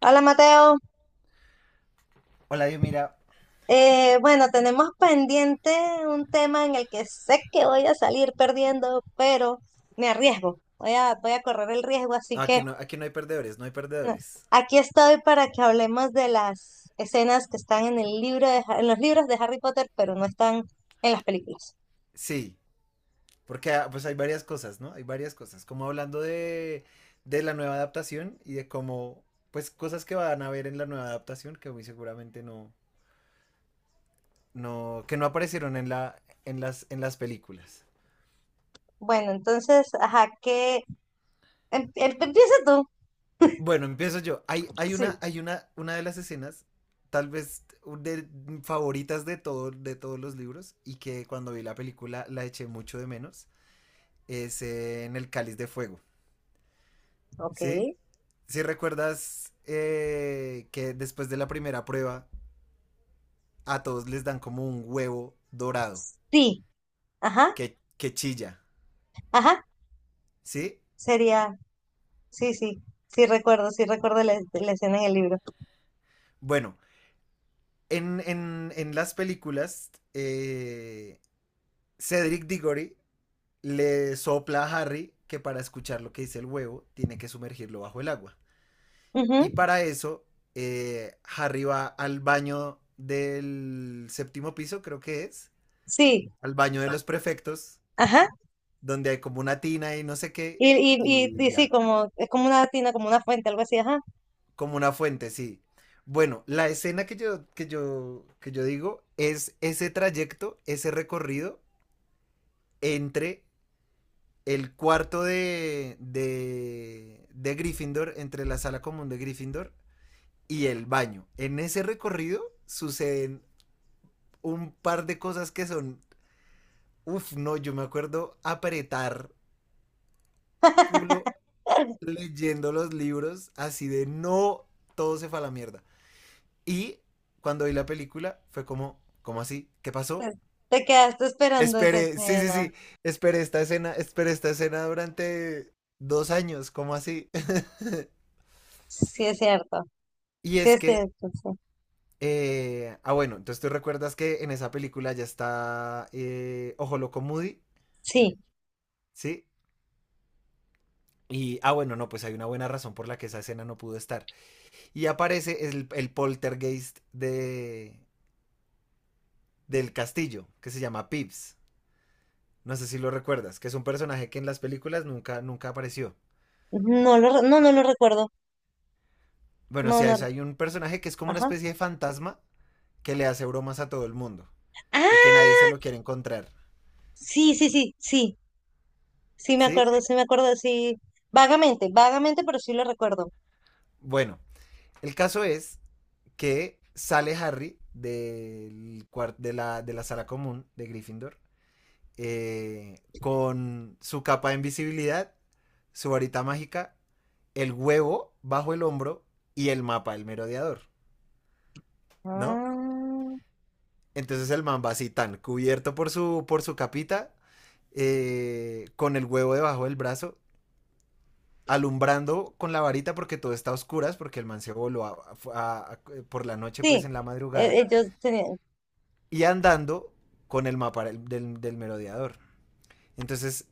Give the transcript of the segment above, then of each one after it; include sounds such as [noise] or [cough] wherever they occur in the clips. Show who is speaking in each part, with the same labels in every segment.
Speaker 1: Hola Mateo.
Speaker 2: Hola, Dios, mira.
Speaker 1: Bueno, tenemos pendiente un tema en el que sé que voy a salir perdiendo, pero me arriesgo, voy a correr el riesgo, así que
Speaker 2: Aquí no hay perdedores, no hay
Speaker 1: bueno,
Speaker 2: perdedores.
Speaker 1: aquí estoy para que hablemos de las escenas que están en el libro de en los libros de Harry Potter, pero no están en las películas.
Speaker 2: Sí, porque pues hay varias cosas, ¿no? Hay varias cosas. Como hablando de la nueva adaptación y de cómo, pues cosas que van a ver en la nueva adaptación que muy seguramente no, que no aparecieron en las películas.
Speaker 1: Bueno, entonces, ajá, ¿qué? Empieza tú.
Speaker 2: Bueno, empiezo yo. Hay, hay
Speaker 1: Sí,
Speaker 2: una, hay una, una de las escenas, tal vez un de, favoritas de todos los libros y que cuando vi la película la eché mucho de menos. Es en el cáliz de fuego.
Speaker 1: ok.
Speaker 2: Sí, si recuerdas que después de la primera prueba a todos les dan como un huevo dorado
Speaker 1: Sí, ajá,
Speaker 2: que chilla,
Speaker 1: ajá,
Speaker 2: ¿sí?
Speaker 1: sería, sí, sí, sí recuerdo la escena en el
Speaker 2: Bueno, en las películas, Cedric Diggory le sopla a Harry que para escuchar lo que dice el huevo tiene que sumergirlo bajo el agua.
Speaker 1: libro.
Speaker 2: Y para eso, Harry va al baño del séptimo piso, creo que es,
Speaker 1: Sí,
Speaker 2: al baño de los prefectos
Speaker 1: ajá.
Speaker 2: donde hay como una tina y no sé qué,
Speaker 1: Y, y,
Speaker 2: y
Speaker 1: y sí,
Speaker 2: ya,
Speaker 1: como, es como una tina, como una fuente, algo así, ajá.
Speaker 2: como una fuente, sí. Bueno, la escena que yo digo es ese trayecto, ese recorrido entre el cuarto de Gryffindor, entre la sala común de Gryffindor y el baño. En ese recorrido suceden un par de cosas que son, uff, no, yo me acuerdo apretar culo
Speaker 1: [laughs]
Speaker 2: leyendo los libros así de no, todo se fue a la mierda. Y cuando vi la película fue como, ¿cómo así? ¿Qué pasó?
Speaker 1: Pues, te quedaste esperando esa
Speaker 2: Esperé, sí, sí,
Speaker 1: escena.
Speaker 2: sí, esperé esta escena durante 2 años, ¿cómo así? [laughs]
Speaker 1: Sí, es cierto.
Speaker 2: Y
Speaker 1: Sí,
Speaker 2: es
Speaker 1: es
Speaker 2: que,
Speaker 1: cierto.
Speaker 2: bueno, entonces tú recuerdas que en esa película ya está Ojo Loco Moody,
Speaker 1: Sí. Sí.
Speaker 2: ¿sí? Y, bueno, no, pues hay una buena razón por la que esa escena no pudo estar. Y aparece el poltergeist del castillo, que se llama Pips. No sé si lo recuerdas, que es un personaje que en las películas nunca, nunca apareció.
Speaker 1: No, no lo recuerdo.
Speaker 2: Bueno,
Speaker 1: No,
Speaker 2: sí,
Speaker 1: no.
Speaker 2: hay un personaje que es como una
Speaker 1: Ajá.
Speaker 2: especie de fantasma que le hace bromas a todo el mundo y que nadie se
Speaker 1: Ah,
Speaker 2: lo quiere encontrar.
Speaker 1: sí, sí, sí, sí. Sí me
Speaker 2: ¿Sí?
Speaker 1: acuerdo, sí me acuerdo, sí. Vagamente, vagamente, pero sí lo recuerdo.
Speaker 2: Bueno, el caso es que sale Harry del cuar- de la sala común de Gryffindor, con su capa de invisibilidad, su varita mágica, el huevo bajo el hombro y el mapa del merodeador, ¿no?
Speaker 1: Ah,
Speaker 2: Entonces el man va así tan cubierto por su capita, con el huevo debajo del brazo, alumbrando con la varita porque todo está a oscuras, porque el man se voló por la noche, pues
Speaker 1: sí.
Speaker 2: en la madrugada,
Speaker 1: Ellos tenían...
Speaker 2: y andando con el mapa del merodeador. Entonces,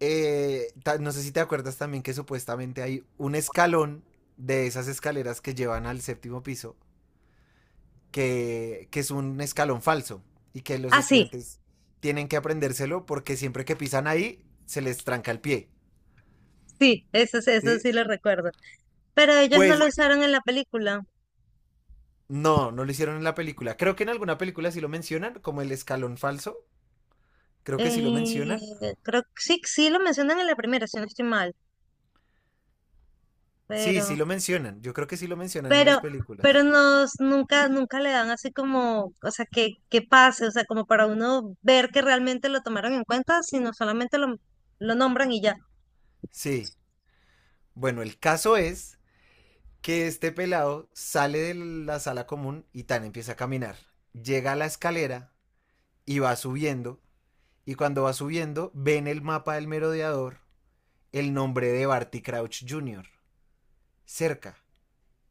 Speaker 2: no sé si te acuerdas también que supuestamente hay un escalón de esas escaleras que llevan al séptimo piso que es un escalón falso y que los
Speaker 1: Ah, sí,
Speaker 2: estudiantes tienen que aprendérselo porque siempre que pisan ahí se les tranca el pie.
Speaker 1: sí, eso, eso
Speaker 2: ¿Sí?
Speaker 1: sí lo recuerdo. Pero ellos no
Speaker 2: Pues
Speaker 1: lo usaron en la película.
Speaker 2: no, no lo hicieron en la película. Creo que en alguna película sí lo mencionan, como el escalón falso. Creo que sí lo mencionan.
Speaker 1: Eh, creo que sí, sí lo mencionan en la primera, si no estoy mal,
Speaker 2: Sí, sí
Speaker 1: pero,
Speaker 2: lo mencionan. Yo creo que sí lo mencionan en las
Speaker 1: pero, pero
Speaker 2: películas.
Speaker 1: nos nunca, nunca le dan así como, o sea, que pase, o sea, como para uno ver que realmente lo tomaron en cuenta, sino solamente lo nombran y ya.
Speaker 2: Sí. Bueno, el caso es que este pelado sale de la sala común y tan empieza a caminar. Llega a la escalera y va subiendo. Y cuando va subiendo, ve en el mapa del merodeador el nombre de Barty Crouch Jr. cerca.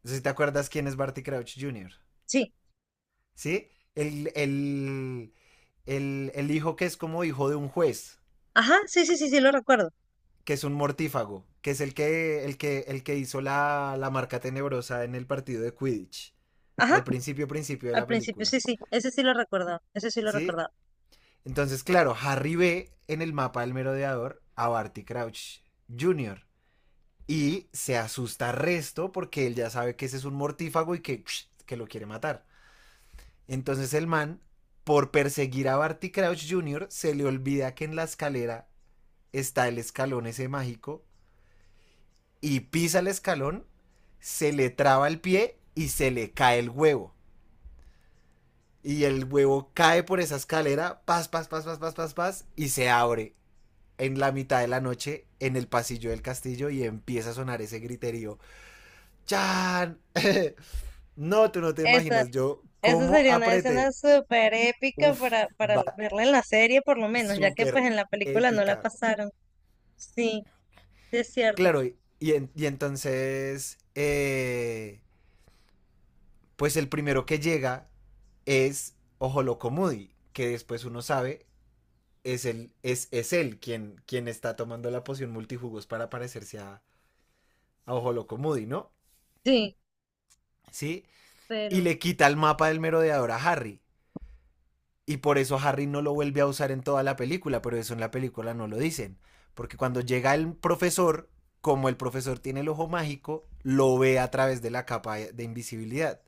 Speaker 2: No sé si te acuerdas quién es Barty Crouch Jr.
Speaker 1: Sí,
Speaker 2: ¿Sí? El hijo que es como hijo de un juez,
Speaker 1: ajá, sí, sí, sí, sí lo recuerdo.
Speaker 2: que es un mortífago, que es el que hizo la marca tenebrosa en el partido de Quidditch. Al
Speaker 1: Ajá,
Speaker 2: principio, principio de
Speaker 1: al
Speaker 2: la
Speaker 1: principio,
Speaker 2: película.
Speaker 1: sí, sí, ese sí lo recordaba, ese sí lo
Speaker 2: ¿Sí?
Speaker 1: recordaba.
Speaker 2: Entonces, claro, Harry ve en el mapa del merodeador a Barty Crouch Jr. Y se asusta resto porque él ya sabe que ese es un mortífago y que lo quiere matar. Entonces el man, por perseguir a Barty Crouch Jr., se le olvida que en la escalera está el escalón ese mágico y pisa el escalón, se le traba el pie y se le cae el huevo. Y el huevo cae por esa escalera, pas, pas, pas, pas, pas, pas, pas, y se abre en la mitad de la noche en el pasillo del castillo y empieza a sonar ese griterío. ¡Chan! [laughs] No, tú no te
Speaker 1: Esa,
Speaker 2: imaginas, yo
Speaker 1: eso
Speaker 2: cómo
Speaker 1: sería una escena
Speaker 2: apreté.
Speaker 1: súper épica
Speaker 2: Uf,
Speaker 1: para
Speaker 2: va
Speaker 1: verla en la serie, por lo menos, ya que pues
Speaker 2: súper
Speaker 1: en la película no la
Speaker 2: épica.
Speaker 1: pasaron. Sí, sí es cierto.
Speaker 2: Claro, y entonces, pues el primero que llega es Ojolocomudi, que después uno sabe es él, es él quien está tomando la poción multijugos para parecerse a Ojolocomudi, ¿no?
Speaker 1: Sí,
Speaker 2: Sí, y
Speaker 1: pero
Speaker 2: le quita el mapa del merodeador a Harry. Y por eso Harry no lo vuelve a usar en toda la película, pero eso en la película no lo dicen. Porque cuando llega el profesor, como el profesor tiene el ojo mágico, lo ve a través de la capa de invisibilidad,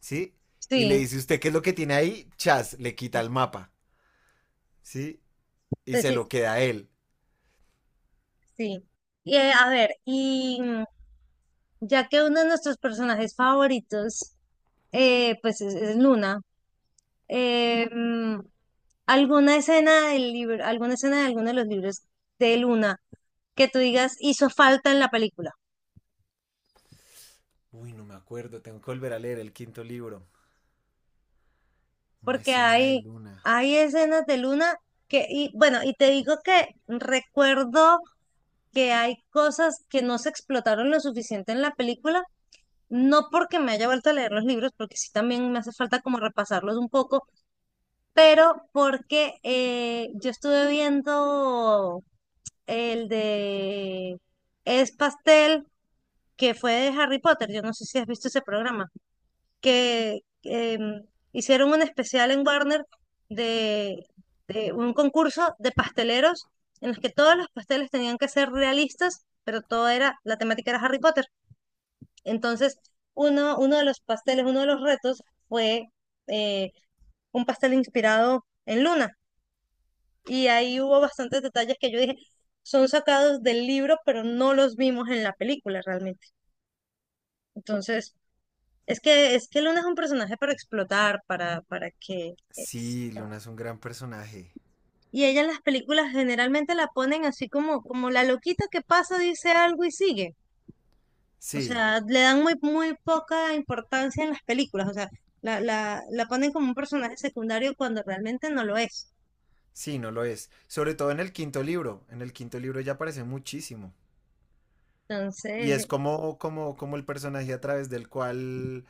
Speaker 2: ¿sí? Y le
Speaker 1: sí,
Speaker 2: dice, ¿usted qué es lo que tiene ahí? Chas, le quita el mapa, ¿sí? Y
Speaker 1: pues
Speaker 2: se
Speaker 1: sí,
Speaker 2: lo queda a él.
Speaker 1: sí. Y, a ver, y mm, ya que uno de nuestros personajes favoritos, pues es Luna, mm, ¿alguna escena del libro, alguna escena de alguno de los libros de Luna que tú digas hizo falta en la película?
Speaker 2: Uy, no me acuerdo, tengo que volver a leer el quinto libro. Una
Speaker 1: Porque
Speaker 2: escena de
Speaker 1: hay,
Speaker 2: Luna.
Speaker 1: hay escenas de Luna que, y bueno, y te digo que recuerdo que hay cosas que no se explotaron lo suficiente en la película. No porque me haya vuelto a leer los libros, porque sí también me hace falta como repasarlos un poco, pero porque yo estuve viendo el de Es Pastel, que fue de Harry Potter, yo no sé si has visto ese programa, que em, hicieron un especial en Warner de, de un concurso de pasteleros en los que todos los pasteles tenían que ser realistas, pero todo era, la temática era Harry Potter. Entonces, uno, uno de los pasteles, uno de los retos fue eh, un pastel inspirado en Luna. Y ahí hubo bastantes detalles que yo dije, son sacados del libro, pero no los vimos en la película realmente. Entonces, es que Luna es un personaje para explotar, para que... es-
Speaker 2: Sí, Luna es un gran personaje.
Speaker 1: Y ella en las películas generalmente la ponen así como, como la loquita que pasa, dice algo y sigue. O
Speaker 2: Sí,
Speaker 1: sea, le dan muy, muy poca importancia en las películas. O sea, la ponen como un personaje secundario cuando realmente no lo es.
Speaker 2: sí, no lo es. Sobre todo en el quinto libro. En el quinto libro ya aparece muchísimo. Y es
Speaker 1: Entonces,
Speaker 2: como el personaje a través del cual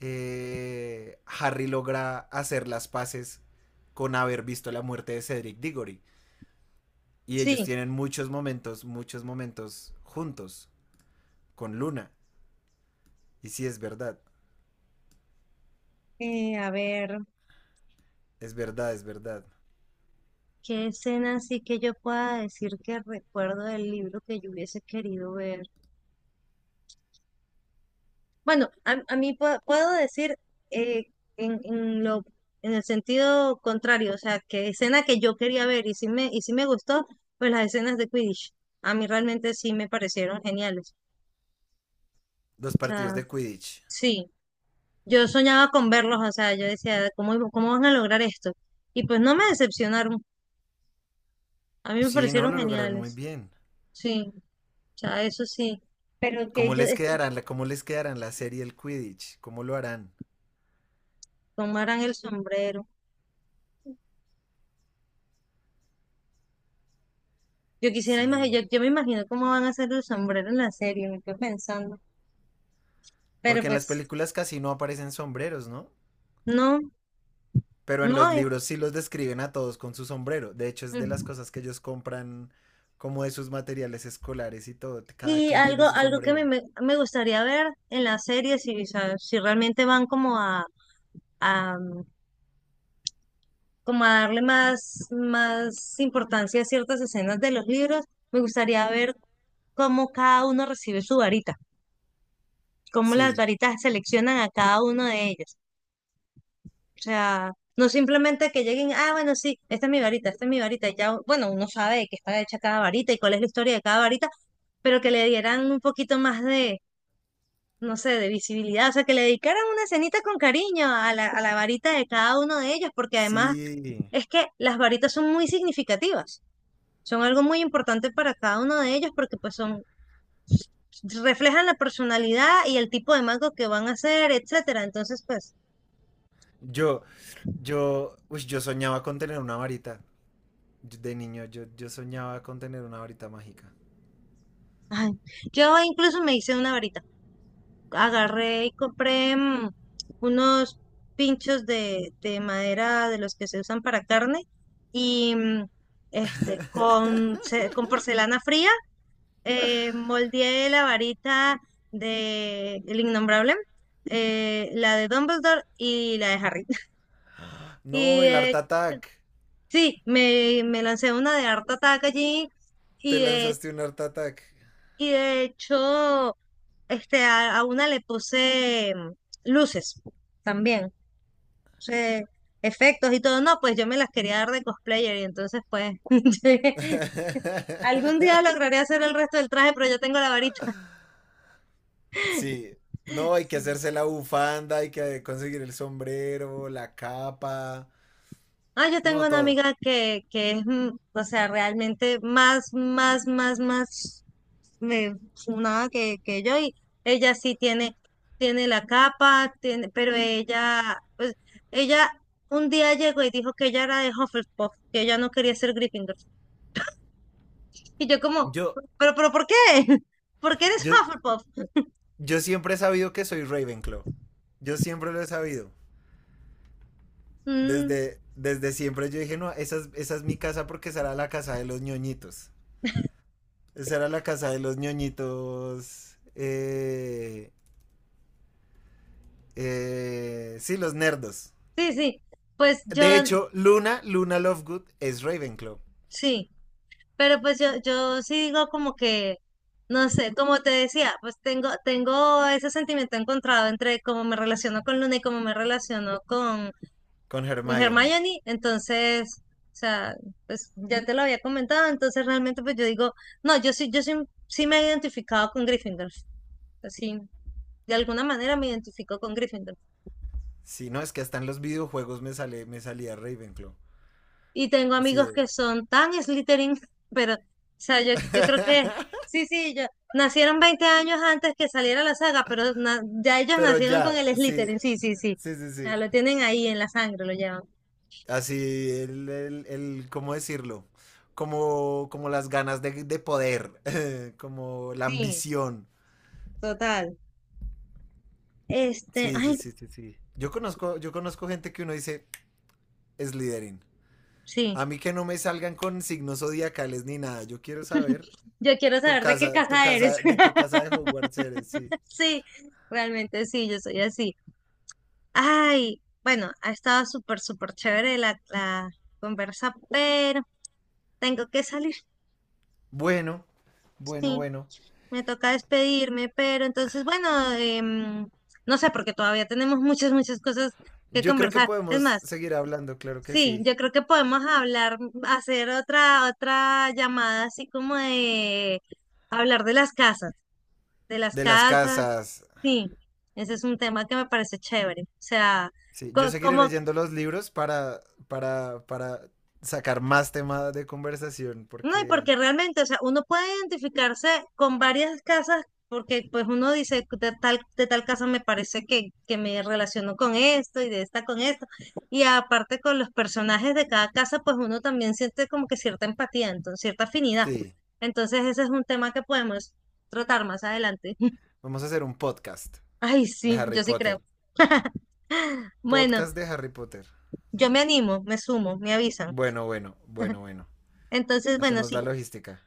Speaker 2: Harry logra hacer las paces con haber visto la muerte de Cedric Diggory. Y ellos
Speaker 1: sí.
Speaker 2: tienen muchos momentos juntos con Luna. Y sí, es verdad,
Speaker 1: A ver,
Speaker 2: es verdad, es verdad.
Speaker 1: ¿qué escena sí que yo pueda decir que recuerdo del libro que yo hubiese querido ver? Bueno, a, puedo decir eh, en lo, en el sentido contrario, o sea, que escena que yo quería ver y sí me gustó, pues las escenas de Quidditch. A mí realmente sí me parecieron geniales.
Speaker 2: Los
Speaker 1: O
Speaker 2: partidos
Speaker 1: sea,
Speaker 2: de Quidditch.
Speaker 1: sí. Yo soñaba con verlos, o sea, yo decía, ¿cómo, cómo van a lograr esto? Y pues no me decepcionaron, a mí me
Speaker 2: Sí, no,
Speaker 1: parecieron
Speaker 2: lo lograron muy
Speaker 1: geniales,
Speaker 2: bien.
Speaker 1: sí, o sea, eso sí, pero que
Speaker 2: ¿Cómo
Speaker 1: ellos
Speaker 2: les
Speaker 1: es que
Speaker 2: quedarán, cómo les quedarán la serie del Quidditch? ¿Cómo lo harán?
Speaker 1: tomaran el sombrero. Yo quisiera
Speaker 2: Sí.
Speaker 1: imaginar, yo me imagino cómo van a hacer el sombrero en la serie, me quedo pensando, pero
Speaker 2: Porque en las
Speaker 1: pues
Speaker 2: películas casi no aparecen sombreros, ¿no?
Speaker 1: no,
Speaker 2: Pero en
Speaker 1: no.
Speaker 2: los
Speaker 1: Y,
Speaker 2: libros sí los describen a todos con su sombrero. De hecho, es de las
Speaker 1: ujú.
Speaker 2: cosas que ellos compran como de sus materiales escolares y todo. Cada
Speaker 1: Y
Speaker 2: quien
Speaker 1: algo,
Speaker 2: tiene su
Speaker 1: algo que me,
Speaker 2: sombrero.
Speaker 1: me me gustaría ver en la serie, si, o sea, si realmente van como a, como a darle más, más importancia a ciertas escenas de los libros, me gustaría ver cómo cada uno recibe su varita, cómo las
Speaker 2: Sí,
Speaker 1: varitas seleccionan a cada uno de ellos. O sea, no simplemente que lleguen, ah, bueno, sí, esta es mi varita, esta es mi varita, y ya, bueno, uno sabe de qué está hecha cada varita y cuál es la historia de cada varita, pero que le dieran un poquito más de, no sé, de visibilidad, o sea, que le dedicaran una cenita con cariño a a la varita de cada uno de ellos, porque además
Speaker 2: sí.
Speaker 1: es que las varitas son muy significativas. Son algo muy importante para cada uno de ellos porque pues son, reflejan la personalidad y el tipo de mango que van a hacer, etcétera. Entonces, pues,
Speaker 2: Yo, uy, yo soñaba con tener una varita. De niño, yo soñaba con tener una varita mágica.
Speaker 1: ay, yo incluso me hice una varita. Agarré y compré mm, unos pinchos de madera de los que se usan para carne y mm, este, con, con porcelana fría moldeé la varita de El Innombrable, la de Dumbledore y la de Harry. [laughs]
Speaker 2: No,
Speaker 1: Y
Speaker 2: el Art Attack.
Speaker 1: sí, me lancé una de harta ataque allí y
Speaker 2: Te
Speaker 1: de,
Speaker 2: lanzaste un Art Attack.
Speaker 1: y de hecho este, a una le puse mm, luces también, puse efectos y todo. No, pues yo me las quería dar de cosplayer y entonces pues [laughs] sí, algún día
Speaker 2: [laughs]
Speaker 1: lograré hacer el resto del traje, pero yo tengo la varita.
Speaker 2: Sí. No,
Speaker 1: [laughs]
Speaker 2: hay que
Speaker 1: Sí.
Speaker 2: hacerse la bufanda, hay que conseguir el sombrero, la capa.
Speaker 1: Ah, yo tengo
Speaker 2: No,
Speaker 1: una
Speaker 2: todo.
Speaker 1: amiga que es, mm, o sea, realmente más, más, más, más. Me, nada que, que yo, y ella sí tiene, tiene la capa, tiene, pero ella, pues, ella un día llegó y dijo que ella era de Hufflepuff, que ella no quería ser Gryffindor. Y yo como,
Speaker 2: Yo,
Speaker 1: pero, ¿por qué? [laughs] ¿Por qué eres
Speaker 2: yo,
Speaker 1: Hufflepuff?
Speaker 2: yo siempre he sabido que soy Ravenclaw. Yo siempre lo he sabido.
Speaker 1: Mm,
Speaker 2: Desde siempre yo dije, no, esa es mi casa porque será la casa de los ñoñitos. Esa era la casa de los ñoñitos. Sí, los nerdos.
Speaker 1: sí, sí, pues yo,
Speaker 2: De hecho, Luna, Luna Lovegood es Ravenclaw
Speaker 1: sí, pero pues yo sí digo como que, no sé, como te decía, pues tengo, tengo ese sentimiento encontrado entre cómo me relaciono con Luna y cómo me relaciono con
Speaker 2: con Hermione.
Speaker 1: Hermione, entonces, o sea, pues ya te lo había comentado, entonces realmente pues yo digo, no, yo sí, yo sí, sí me he identificado con Gryffindor, así, de alguna manera me identifico con Gryffindor.
Speaker 2: Sí, no, es que hasta en los videojuegos me salía Ravenclaw.
Speaker 1: Y tengo
Speaker 2: Así
Speaker 1: amigos
Speaker 2: de.
Speaker 1: que son tan Slytherin, [laughs] pero, o sea, yo creo que,
Speaker 2: [laughs]
Speaker 1: sí, sí, yo, nacieron 20 años antes que saliera la saga, pero na- ya ellos
Speaker 2: Pero
Speaker 1: nacieron con
Speaker 2: ya,
Speaker 1: el
Speaker 2: sí.
Speaker 1: Slytherin, sí, sí, sí,
Speaker 2: Sí, sí,
Speaker 1: ya
Speaker 2: sí.
Speaker 1: lo tienen ahí en la sangre, lo llevan.
Speaker 2: Así, ¿cómo decirlo? Como las ganas de poder, [laughs] como la
Speaker 1: Sí,
Speaker 2: ambición.
Speaker 1: total. Este,
Speaker 2: Sí, sí,
Speaker 1: ay,
Speaker 2: sí, sí, sí. Yo conozco gente que uno dice, es Slytherin.
Speaker 1: sí.
Speaker 2: A mí que no me salgan con signos zodiacales ni nada. Yo quiero saber
Speaker 1: Yo quiero saber de qué
Speaker 2: tu
Speaker 1: casa eres.
Speaker 2: casa, de qué casa de Hogwarts eres, sí.
Speaker 1: [laughs] Sí, realmente sí, yo soy así. Ay, bueno, ha estado súper, súper chévere la conversa, pero tengo que salir.
Speaker 2: Bueno, bueno,
Speaker 1: Sí,
Speaker 2: bueno.
Speaker 1: me toca despedirme, pero entonces, bueno, em, no sé, porque todavía tenemos muchas, muchas cosas que
Speaker 2: Yo creo que
Speaker 1: conversar. Es
Speaker 2: podemos
Speaker 1: más,
Speaker 2: seguir hablando, claro que
Speaker 1: sí,
Speaker 2: sí.
Speaker 1: yo creo que podemos hablar, hacer otra llamada así como de hablar de las casas. De las
Speaker 2: De las
Speaker 1: casas,
Speaker 2: casas,
Speaker 1: sí, ese es un tema que me parece chévere. O sea,
Speaker 2: sí, yo
Speaker 1: co-
Speaker 2: seguiré
Speaker 1: como,
Speaker 2: leyendo los libros para sacar más temas de conversación,
Speaker 1: no, y
Speaker 2: porque
Speaker 1: porque realmente, o sea, uno puede identificarse con varias casas, porque pues uno dice, de tal casa me parece que me relaciono con esto y de esta con esto. Y aparte con los personajes de cada casa, pues uno también siente como que cierta empatía, entonces, cierta afinidad.
Speaker 2: sí,
Speaker 1: Entonces, ese es un tema que podemos tratar más adelante. [laughs]
Speaker 2: vamos a hacer un podcast
Speaker 1: Ay,
Speaker 2: de
Speaker 1: sí,
Speaker 2: Harry
Speaker 1: yo sí
Speaker 2: Potter.
Speaker 1: creo. [laughs] Bueno,
Speaker 2: Podcast de Harry Potter.
Speaker 1: yo me animo, me sumo, me avisan.
Speaker 2: Bueno, bueno, bueno, bueno.
Speaker 1: Entonces, bueno,
Speaker 2: Hacemos
Speaker 1: sí,
Speaker 2: la logística.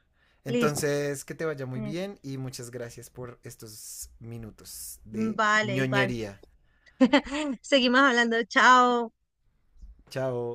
Speaker 1: listo.
Speaker 2: Entonces, que te vaya muy
Speaker 1: Eh,
Speaker 2: bien y muchas gracias por estos minutos de
Speaker 1: Vale, igual.
Speaker 2: ñoñería.
Speaker 1: [laughs] Seguimos hablando. Chao.
Speaker 2: Chao.